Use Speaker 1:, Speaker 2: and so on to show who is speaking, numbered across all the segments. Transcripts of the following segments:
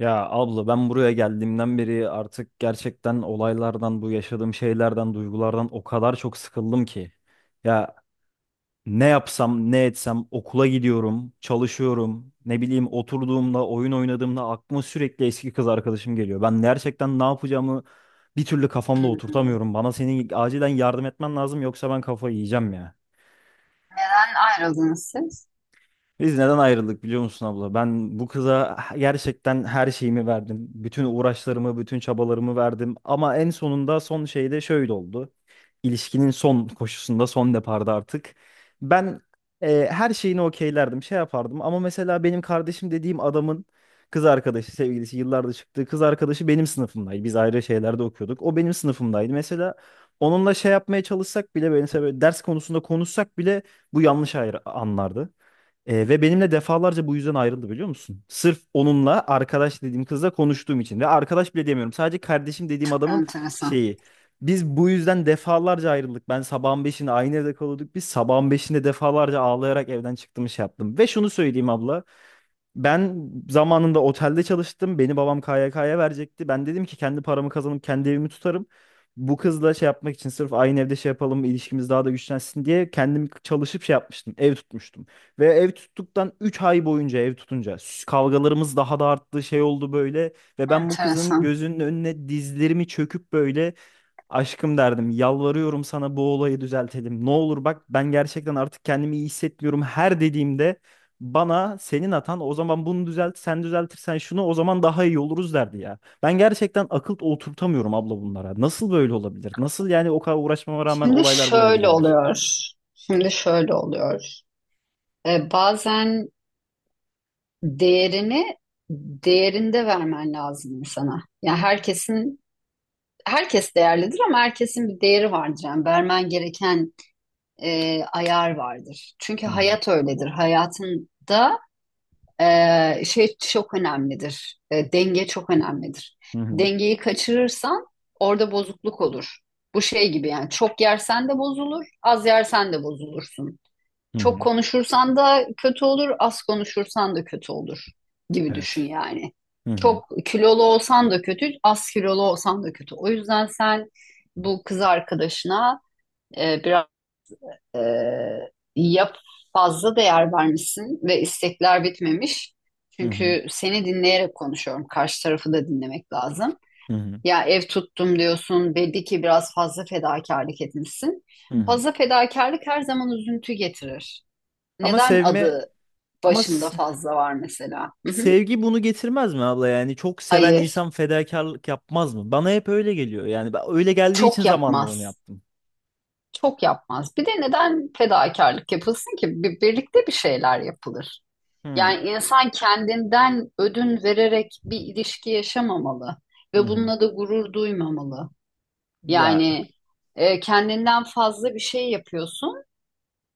Speaker 1: Ya abla ben buraya geldiğimden beri artık gerçekten olaylardan, bu yaşadığım şeylerden, duygulardan o kadar çok sıkıldım ki. Ya ne yapsam, ne etsem okula gidiyorum, çalışıyorum. Ne bileyim oturduğumda, oyun oynadığımda aklıma sürekli eski kız arkadaşım geliyor. Ben gerçekten ne yapacağımı bir türlü kafamda
Speaker 2: Hmm.
Speaker 1: oturtamıyorum. Bana senin acilen yardım etmen lazım yoksa ben kafayı yiyeceğim ya.
Speaker 2: Neden ayrıldınız siz?
Speaker 1: Biz neden ayrıldık biliyor musun abla? Ben bu kıza gerçekten her şeyimi verdim. Bütün uğraşlarımı, bütün çabalarımı verdim. Ama en sonunda son şeyde şöyle oldu. İlişkinin son koşusunda, son deparda artık. Ben her şeyini okeylerdim, şey yapardım. Ama mesela benim kardeşim dediğim adamın kız arkadaşı, sevgilisi, yıllardır çıktığı kız arkadaşı benim sınıfımdaydı. Biz ayrı şeylerde okuyorduk. O benim sınıfımdaydı. Mesela onunla şey yapmaya çalışsak bile, böyle, mesela böyle ders konusunda konuşsak bile bu yanlış ayrı anlardı. Ve benimle defalarca bu yüzden ayrıldı biliyor musun? Sırf onunla arkadaş dediğim kızla konuştuğum için. Ve arkadaş bile demiyorum. Sadece kardeşim dediğim
Speaker 2: Çok
Speaker 1: adamın
Speaker 2: enteresan.
Speaker 1: şeyi. Biz bu yüzden defalarca ayrıldık. Ben sabahın beşinde aynı evde kalıyorduk. Biz sabahın beşinde defalarca ağlayarak evden çıktım şey yaptım. Ve şunu söyleyeyim abla. Ben zamanında otelde çalıştım. Beni babam KYK'ya verecekti. Ben dedim ki kendi paramı kazanıp kendi evimi tutarım. Bu kızla şey yapmak için sırf aynı evde şey yapalım, ilişkimiz daha da güçlensin diye kendim çalışıp şey yapmıştım. Ev tutmuştum. Ve ev tuttuktan 3 ay boyunca ev tutunca kavgalarımız daha da arttı, şey oldu böyle. Ve ben bu kızın
Speaker 2: Enteresan.
Speaker 1: gözünün önüne dizlerimi çöküp böyle aşkım derdim, yalvarıyorum sana bu olayı düzeltelim. Ne olur bak ben gerçekten artık kendimi iyi hissetmiyorum. Her dediğimde bana senin hatan o zaman bunu düzelt, sen düzeltirsen şunu o zaman daha iyi oluruz derdi ya. Ben gerçekten akıl oturtamıyorum abla bunlara. Nasıl böyle olabilir? Nasıl yani o kadar uğraşmama rağmen
Speaker 2: Şimdi
Speaker 1: olaylar buraya
Speaker 2: şöyle
Speaker 1: gelebilir?
Speaker 2: oluyor. Şimdi şöyle oluyor. Bazen değerini değerinde vermen lazım insana. Yani herkesin herkes değerlidir ama herkesin bir değeri vardır. Yani vermen gereken ayar vardır. Çünkü
Speaker 1: Hı hı,
Speaker 2: hayat öyledir. Hayatında şey çok önemlidir. Denge çok önemlidir.
Speaker 1: hı hı,
Speaker 2: Dengeyi kaçırırsan orada bozukluk olur. Bu şey gibi yani çok yersen de bozulur, az yersen de bozulursun.
Speaker 1: hı
Speaker 2: Çok
Speaker 1: hı.
Speaker 2: konuşursan da kötü olur, az konuşursan da kötü olur gibi
Speaker 1: Evet.
Speaker 2: düşün yani.
Speaker 1: Hı hı,
Speaker 2: Çok kilolu olsan da kötü, az kilolu olsan da kötü. O yüzden sen bu kız arkadaşına biraz ya fazla değer vermişsin ve istekler bitmemiş.
Speaker 1: hı hı,
Speaker 2: Çünkü seni dinleyerek konuşuyorum. Karşı tarafı da dinlemek lazım.
Speaker 1: hı hı,
Speaker 2: Ya ev tuttum diyorsun. Belli ki biraz fazla fedakarlık etmişsin.
Speaker 1: hı hı.
Speaker 2: Fazla fedakarlık her zaman üzüntü getirir.
Speaker 1: Ama
Speaker 2: Neden
Speaker 1: sevme
Speaker 2: adı
Speaker 1: ama
Speaker 2: başında
Speaker 1: s-
Speaker 2: fazla var mesela? Hı hı.
Speaker 1: sevgi bunu getirmez mi abla yani çok seven
Speaker 2: Hayır.
Speaker 1: insan fedakarlık yapmaz mı? Bana hep öyle geliyor yani ben öyle geldiği için
Speaker 2: Çok
Speaker 1: zamanında onu
Speaker 2: yapmaz.
Speaker 1: yaptım.
Speaker 2: Çok yapmaz. Bir de neden fedakarlık yapılsın ki? Bir, birlikte bir şeyler yapılır.
Speaker 1: Hı
Speaker 2: Yani insan kendinden ödün vererek bir ilişki yaşamamalı ve
Speaker 1: hı.
Speaker 2: bununla da gurur duymamalı.
Speaker 1: Ya,
Speaker 2: Yani kendinden fazla bir şey yapıyorsun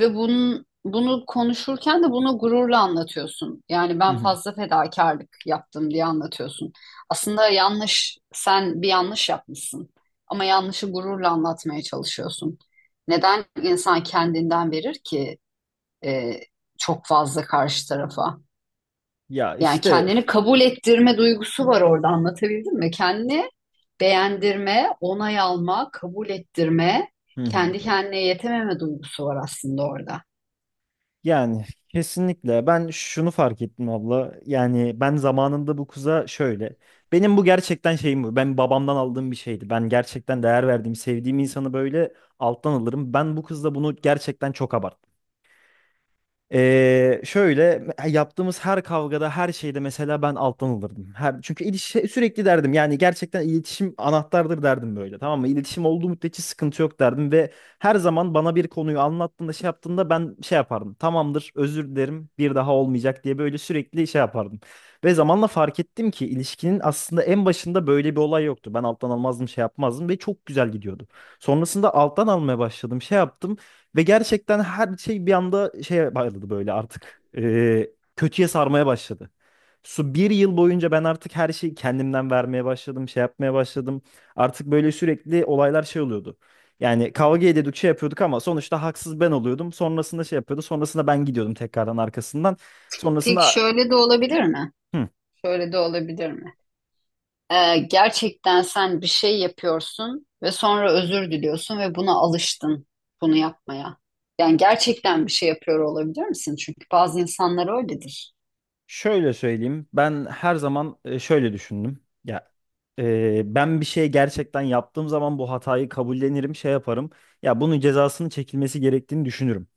Speaker 2: ve bunu konuşurken de bunu gururla anlatıyorsun. Yani
Speaker 1: hı
Speaker 2: ben
Speaker 1: hı.
Speaker 2: fazla fedakarlık yaptım diye anlatıyorsun. Aslında yanlış, sen bir yanlış yapmışsın ama yanlışı gururla anlatmaya çalışıyorsun. Neden insan kendinden verir ki e, çok fazla karşı tarafa?
Speaker 1: Ya
Speaker 2: Yani
Speaker 1: işte,
Speaker 2: kendini kabul ettirme duygusu var orada, anlatabildim mi? Kendini beğendirme, onay alma, kabul ettirme,
Speaker 1: hı hı.
Speaker 2: kendi kendine yetememe duygusu var aslında orada.
Speaker 1: Yani kesinlikle ben şunu fark ettim abla. Yani ben zamanında bu kuza şöyle. Benim bu gerçekten şeyim bu. Ben babamdan aldığım bir şeydi. Ben gerçekten değer verdiğim, sevdiğim insanı böyle alttan alırım. Ben bu kızla bunu gerçekten çok abarttım. Şöyle yaptığımız her kavgada her şeyde mesela ben alttan alırdım. Her, çünkü ilişki, sürekli derdim yani gerçekten iletişim anahtardır derdim böyle, tamam mı? İletişim olduğu müddetçe sıkıntı yok derdim ve her zaman bana bir konuyu anlattığında şey yaptığında ben şey yapardım. Tamamdır, özür dilerim, bir daha olmayacak diye böyle sürekli şey yapardım. Ve zamanla fark ettim ki ilişkinin aslında en başında böyle bir olay yoktu. Ben alttan almazdım şey yapmazdım ve çok güzel gidiyordu. Sonrasında alttan almaya başladım şey yaptım. Ve gerçekten her şey bir anda şeye bağladı böyle artık. Kötüye sarmaya başladı. Su bir yıl boyunca ben artık her şeyi kendimden vermeye başladım, şey yapmaya başladım. Artık böyle sürekli olaylar şey oluyordu. Yani kavga ediyorduk, şey yapıyorduk ama sonuçta haksız ben oluyordum. Sonrasında şey yapıyordu, sonrasında ben gidiyordum tekrardan arkasından.
Speaker 2: Peki
Speaker 1: Sonrasında
Speaker 2: şöyle de olabilir mi?
Speaker 1: hı.
Speaker 2: Şöyle de olabilir mi? Gerçekten sen bir şey yapıyorsun ve sonra özür diliyorsun ve buna alıştın bunu yapmaya. Yani gerçekten bir şey yapıyor olabilir misin? Çünkü bazı insanlar öyledir.
Speaker 1: Şöyle söyleyeyim. Ben her zaman şöyle düşündüm. Ya, ben bir şey gerçekten yaptığım zaman bu hatayı kabullenirim, şey yaparım. Ya bunun cezasının çekilmesi gerektiğini düşünürüm.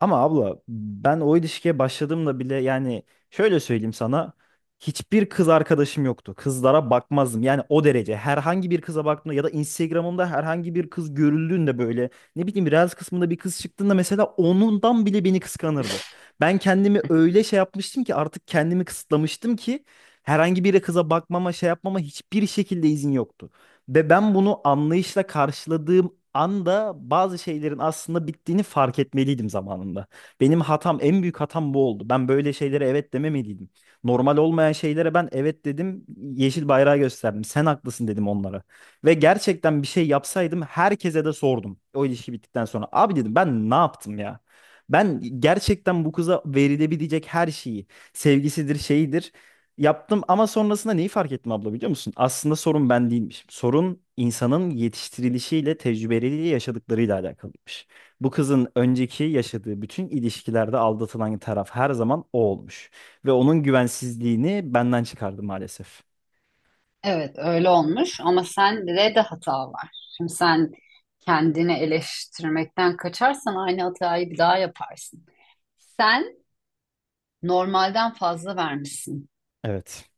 Speaker 1: Ama abla ben o ilişkiye başladığımda bile yani şöyle söyleyeyim sana. Hiçbir kız arkadaşım yoktu. Kızlara bakmazdım. Yani o derece. Herhangi bir kıza baktığımda ya da Instagram'ımda herhangi bir kız görüldüğünde böyle ne bileyim Reels kısmında bir kız çıktığında mesela onundan bile beni kıskanırdı. Ben kendimi öyle şey yapmıştım ki artık kendimi kısıtlamıştım ki herhangi bir kıza bakmama, şey yapmama hiçbir şekilde izin yoktu. Ve ben bunu anlayışla karşıladığım anda bazı şeylerin aslında bittiğini fark etmeliydim zamanında. Benim hatam, en büyük hatam bu oldu. Ben böyle şeylere evet dememeliydim. Normal olmayan şeylere ben evet dedim, yeşil bayrağı gösterdim. Sen haklısın dedim onlara. Ve gerçekten bir şey yapsaydım herkese de sordum. O ilişki bittikten sonra. Abi dedim ben ne yaptım ya? Ben gerçekten bu kıza verilebilecek her şeyi, sevgisidir, şeyidir yaptım ama sonrasında neyi fark ettim abla biliyor musun? Aslında sorun ben değilmiş. Sorun insanın yetiştirilişiyle, tecrübeleriyle, yaşadıklarıyla alakalıymış. Bu kızın önceki yaşadığı bütün ilişkilerde aldatılan taraf her zaman o olmuş. Ve onun güvensizliğini benden çıkardı maalesef.
Speaker 2: Evet öyle olmuş ama sende de hata var. Şimdi sen kendini eleştirmekten kaçarsan aynı hatayı bir daha yaparsın. Sen normalden fazla vermişsin.
Speaker 1: Evet.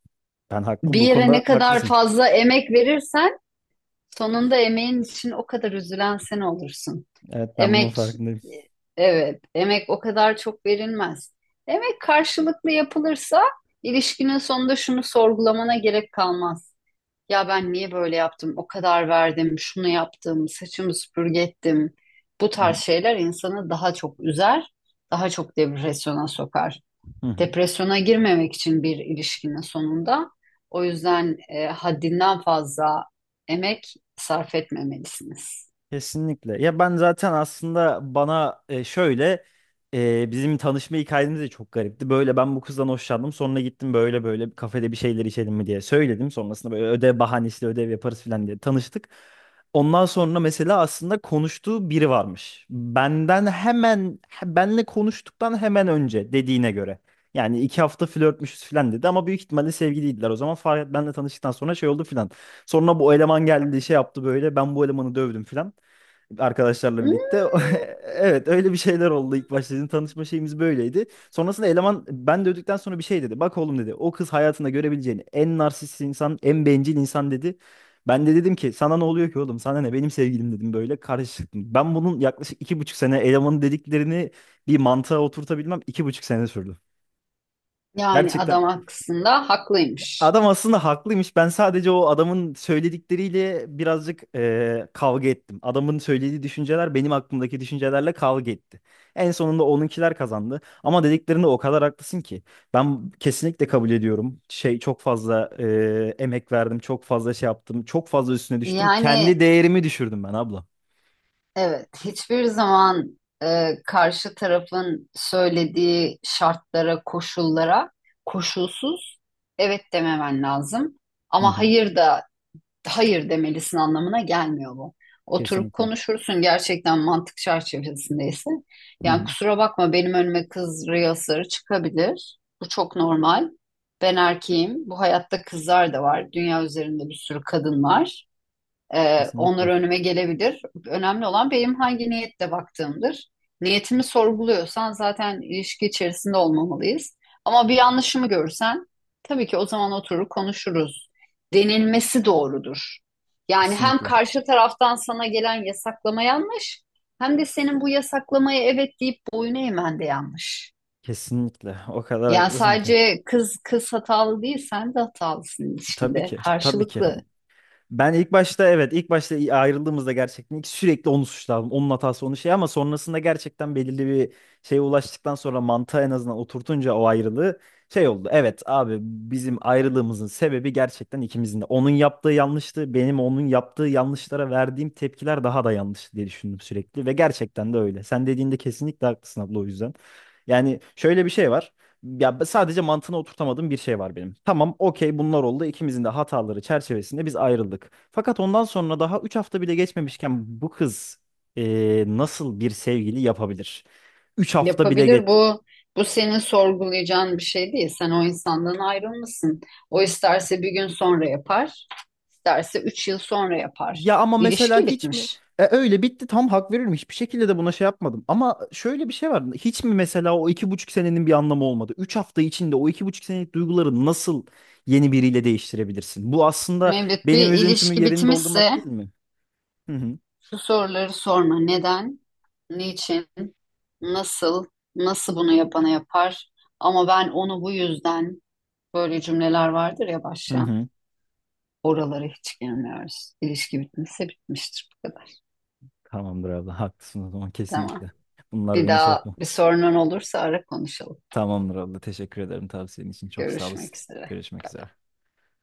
Speaker 1: Ben haklı,
Speaker 2: Bir
Speaker 1: bu
Speaker 2: yere
Speaker 1: konuda
Speaker 2: ne kadar
Speaker 1: haklısın.
Speaker 2: fazla emek verirsen sonunda emeğin için o kadar üzülen sen olursun.
Speaker 1: Evet, ben bunun
Speaker 2: Emek,
Speaker 1: farkındayım.
Speaker 2: evet, emek o kadar çok verilmez. Emek karşılıklı yapılırsa ilişkinin sonunda şunu sorgulamana gerek kalmaz. Ya ben niye böyle yaptım? O kadar verdim, şunu yaptım, saçımı süpürge ettim. Bu tarz şeyler insanı daha çok üzer, daha çok depresyona sokar. Depresyona girmemek için bir ilişkinin sonunda o yüzden haddinden fazla emek sarf etmemelisiniz.
Speaker 1: Kesinlikle. Ya ben zaten aslında bana şöyle bizim tanışma hikayemiz de çok garipti. Böyle ben bu kızdan hoşlandım. Sonra gittim böyle böyle bir kafede bir şeyler içelim mi diye söyledim. Sonrasında böyle ödev bahanesiyle ödev yaparız falan diye tanıştık. Ondan sonra mesela aslında konuştuğu biri varmış. Benden hemen benle konuştuktan hemen önce dediğine göre. Yani 2 hafta flörtmüşüz falan dedi ama büyük ihtimalle sevgiliydiler. O zaman Farhat benle tanıştıktan sonra şey oldu falan. Sonra bu eleman geldi şey yaptı böyle ben bu elemanı dövdüm falan arkadaşlarla birlikte.
Speaker 2: Hmm.
Speaker 1: Evet öyle bir şeyler oldu ilk başta. Bizim tanışma şeyimiz böyleydi. Sonrasında eleman ben de öldükten sonra bir şey dedi. Bak oğlum dedi, o kız hayatında görebileceğin en narsist insan, en bencil insan dedi. Ben de dedim ki sana ne oluyor ki oğlum, sana ne, benim sevgilim dedim böyle karıştırdım. Ben bunun yaklaşık 2,5 sene elemanın dediklerini bir mantığa oturtabilmem 2,5 sene sürdü.
Speaker 2: Yani
Speaker 1: Gerçekten.
Speaker 2: adam aslında haklıymış.
Speaker 1: Adam aslında haklıymış. Ben sadece o adamın söyledikleriyle birazcık kavga ettim. Adamın söylediği düşünceler benim aklımdaki düşüncelerle kavga etti. En sonunda onunkiler kazandı. Ama dediklerinde o kadar haklısın ki. Ben kesinlikle kabul ediyorum. Şey çok fazla emek verdim, çok fazla şey yaptım, çok fazla üstüne düştüm. Kendi
Speaker 2: Yani
Speaker 1: değerimi düşürdüm ben abla.
Speaker 2: evet, hiçbir zaman karşı tarafın söylediği şartlara, koşullara koşulsuz evet dememen lazım.
Speaker 1: Hı
Speaker 2: Ama
Speaker 1: hı.
Speaker 2: hayır da hayır demelisin anlamına gelmiyor bu. Oturup
Speaker 1: Kesinlikle.
Speaker 2: konuşursun gerçekten mantık çerçevesindeyse.
Speaker 1: Hı
Speaker 2: Yani
Speaker 1: hı.
Speaker 2: kusura bakma, benim önüme kız rüyaları çıkabilir. Bu çok normal. Ben erkeğim. Bu hayatta kızlar da var. Dünya üzerinde bir sürü kadın var. Onlar
Speaker 1: Kesinlikle.
Speaker 2: önüme gelebilir. Önemli olan benim hangi niyetle baktığımdır. Niyetimi sorguluyorsan zaten ilişki içerisinde olmamalıyız. Ama bir yanlışımı görsen tabii ki o zaman oturur konuşuruz. Denilmesi doğrudur. Yani hem
Speaker 1: Kesinlikle.
Speaker 2: karşı taraftan sana gelen yasaklama yanlış, hem de senin bu yasaklamaya evet deyip boyun eğmen de yanlış.
Speaker 1: Kesinlikle. O kadar
Speaker 2: Yani
Speaker 1: haklısın ki.
Speaker 2: sadece kız hatalı değil, sen de hatalısın
Speaker 1: Tabii
Speaker 2: ilişkide.
Speaker 1: ki. Tabii ki.
Speaker 2: Karşılıklı.
Speaker 1: Ben ilk başta, evet, ilk başta ayrıldığımızda gerçekten ilk sürekli onu suçladım. Onun hatası, onun şey ama sonrasında gerçekten belirli bir şeye ulaştıktan sonra mantığa en azından oturtunca o ayrılığı şey oldu. Evet abi, bizim ayrılığımızın sebebi gerçekten ikimizin de. Onun yaptığı yanlıştı. Benim onun yaptığı yanlışlara verdiğim tepkiler daha da yanlış diye düşündüm sürekli ve gerçekten de öyle. Sen dediğinde kesinlikle haklısın abla o yüzden. Yani şöyle bir şey var. Ya sadece mantığına oturtamadığım bir şey var benim. Tamam, okey, bunlar oldu. İkimizin de hataları çerçevesinde biz ayrıldık. Fakat ondan sonra daha 3 hafta bile geçmemişken bu kız nasıl bir sevgili yapabilir? 3 hafta bile geç.
Speaker 2: Yapabilir, bu senin sorgulayacağın bir şey değil. Sen o insandan ayrılmışsın. O isterse bir gün sonra yapar, isterse üç yıl sonra yapar.
Speaker 1: Ya ama mesela
Speaker 2: İlişki
Speaker 1: hiç mi?
Speaker 2: bitmiş.
Speaker 1: Öyle bitti, tam hak veririm. Hiçbir şekilde de buna şey yapmadım. Ama şöyle bir şey var. Hiç mi mesela o 2,5 senenin bir anlamı olmadı? 3 hafta içinde o 2,5 senelik duyguları nasıl yeni biriyle değiştirebilirsin? Bu aslında
Speaker 2: Mevlüt, bir
Speaker 1: benim üzüntümü
Speaker 2: ilişki
Speaker 1: yerini doldurmak değil
Speaker 2: bitmişse
Speaker 1: mi? Hı hı.
Speaker 2: şu soruları sorma. Neden? Niçin? Nasıl? Nasıl bunu yapana yapar? Ama ben onu bu yüzden, böyle cümleler vardır ya
Speaker 1: Hı
Speaker 2: başlayan.
Speaker 1: hı.
Speaker 2: Oralara hiç girmiyoruz. İlişki bitmişse bitmiştir, bu kadar.
Speaker 1: Tamamdır abla. Haklısın o zaman
Speaker 2: Tamam.
Speaker 1: kesinlikle. Bunlar
Speaker 2: Bir
Speaker 1: beni şey
Speaker 2: daha
Speaker 1: yapma.
Speaker 2: bir sorunun olursa ara konuşalım.
Speaker 1: Tamamdır abla. Teşekkür ederim tavsiyen için. Çok sağ olasın.
Speaker 2: Görüşmek üzere.
Speaker 1: Görüşmek üzere.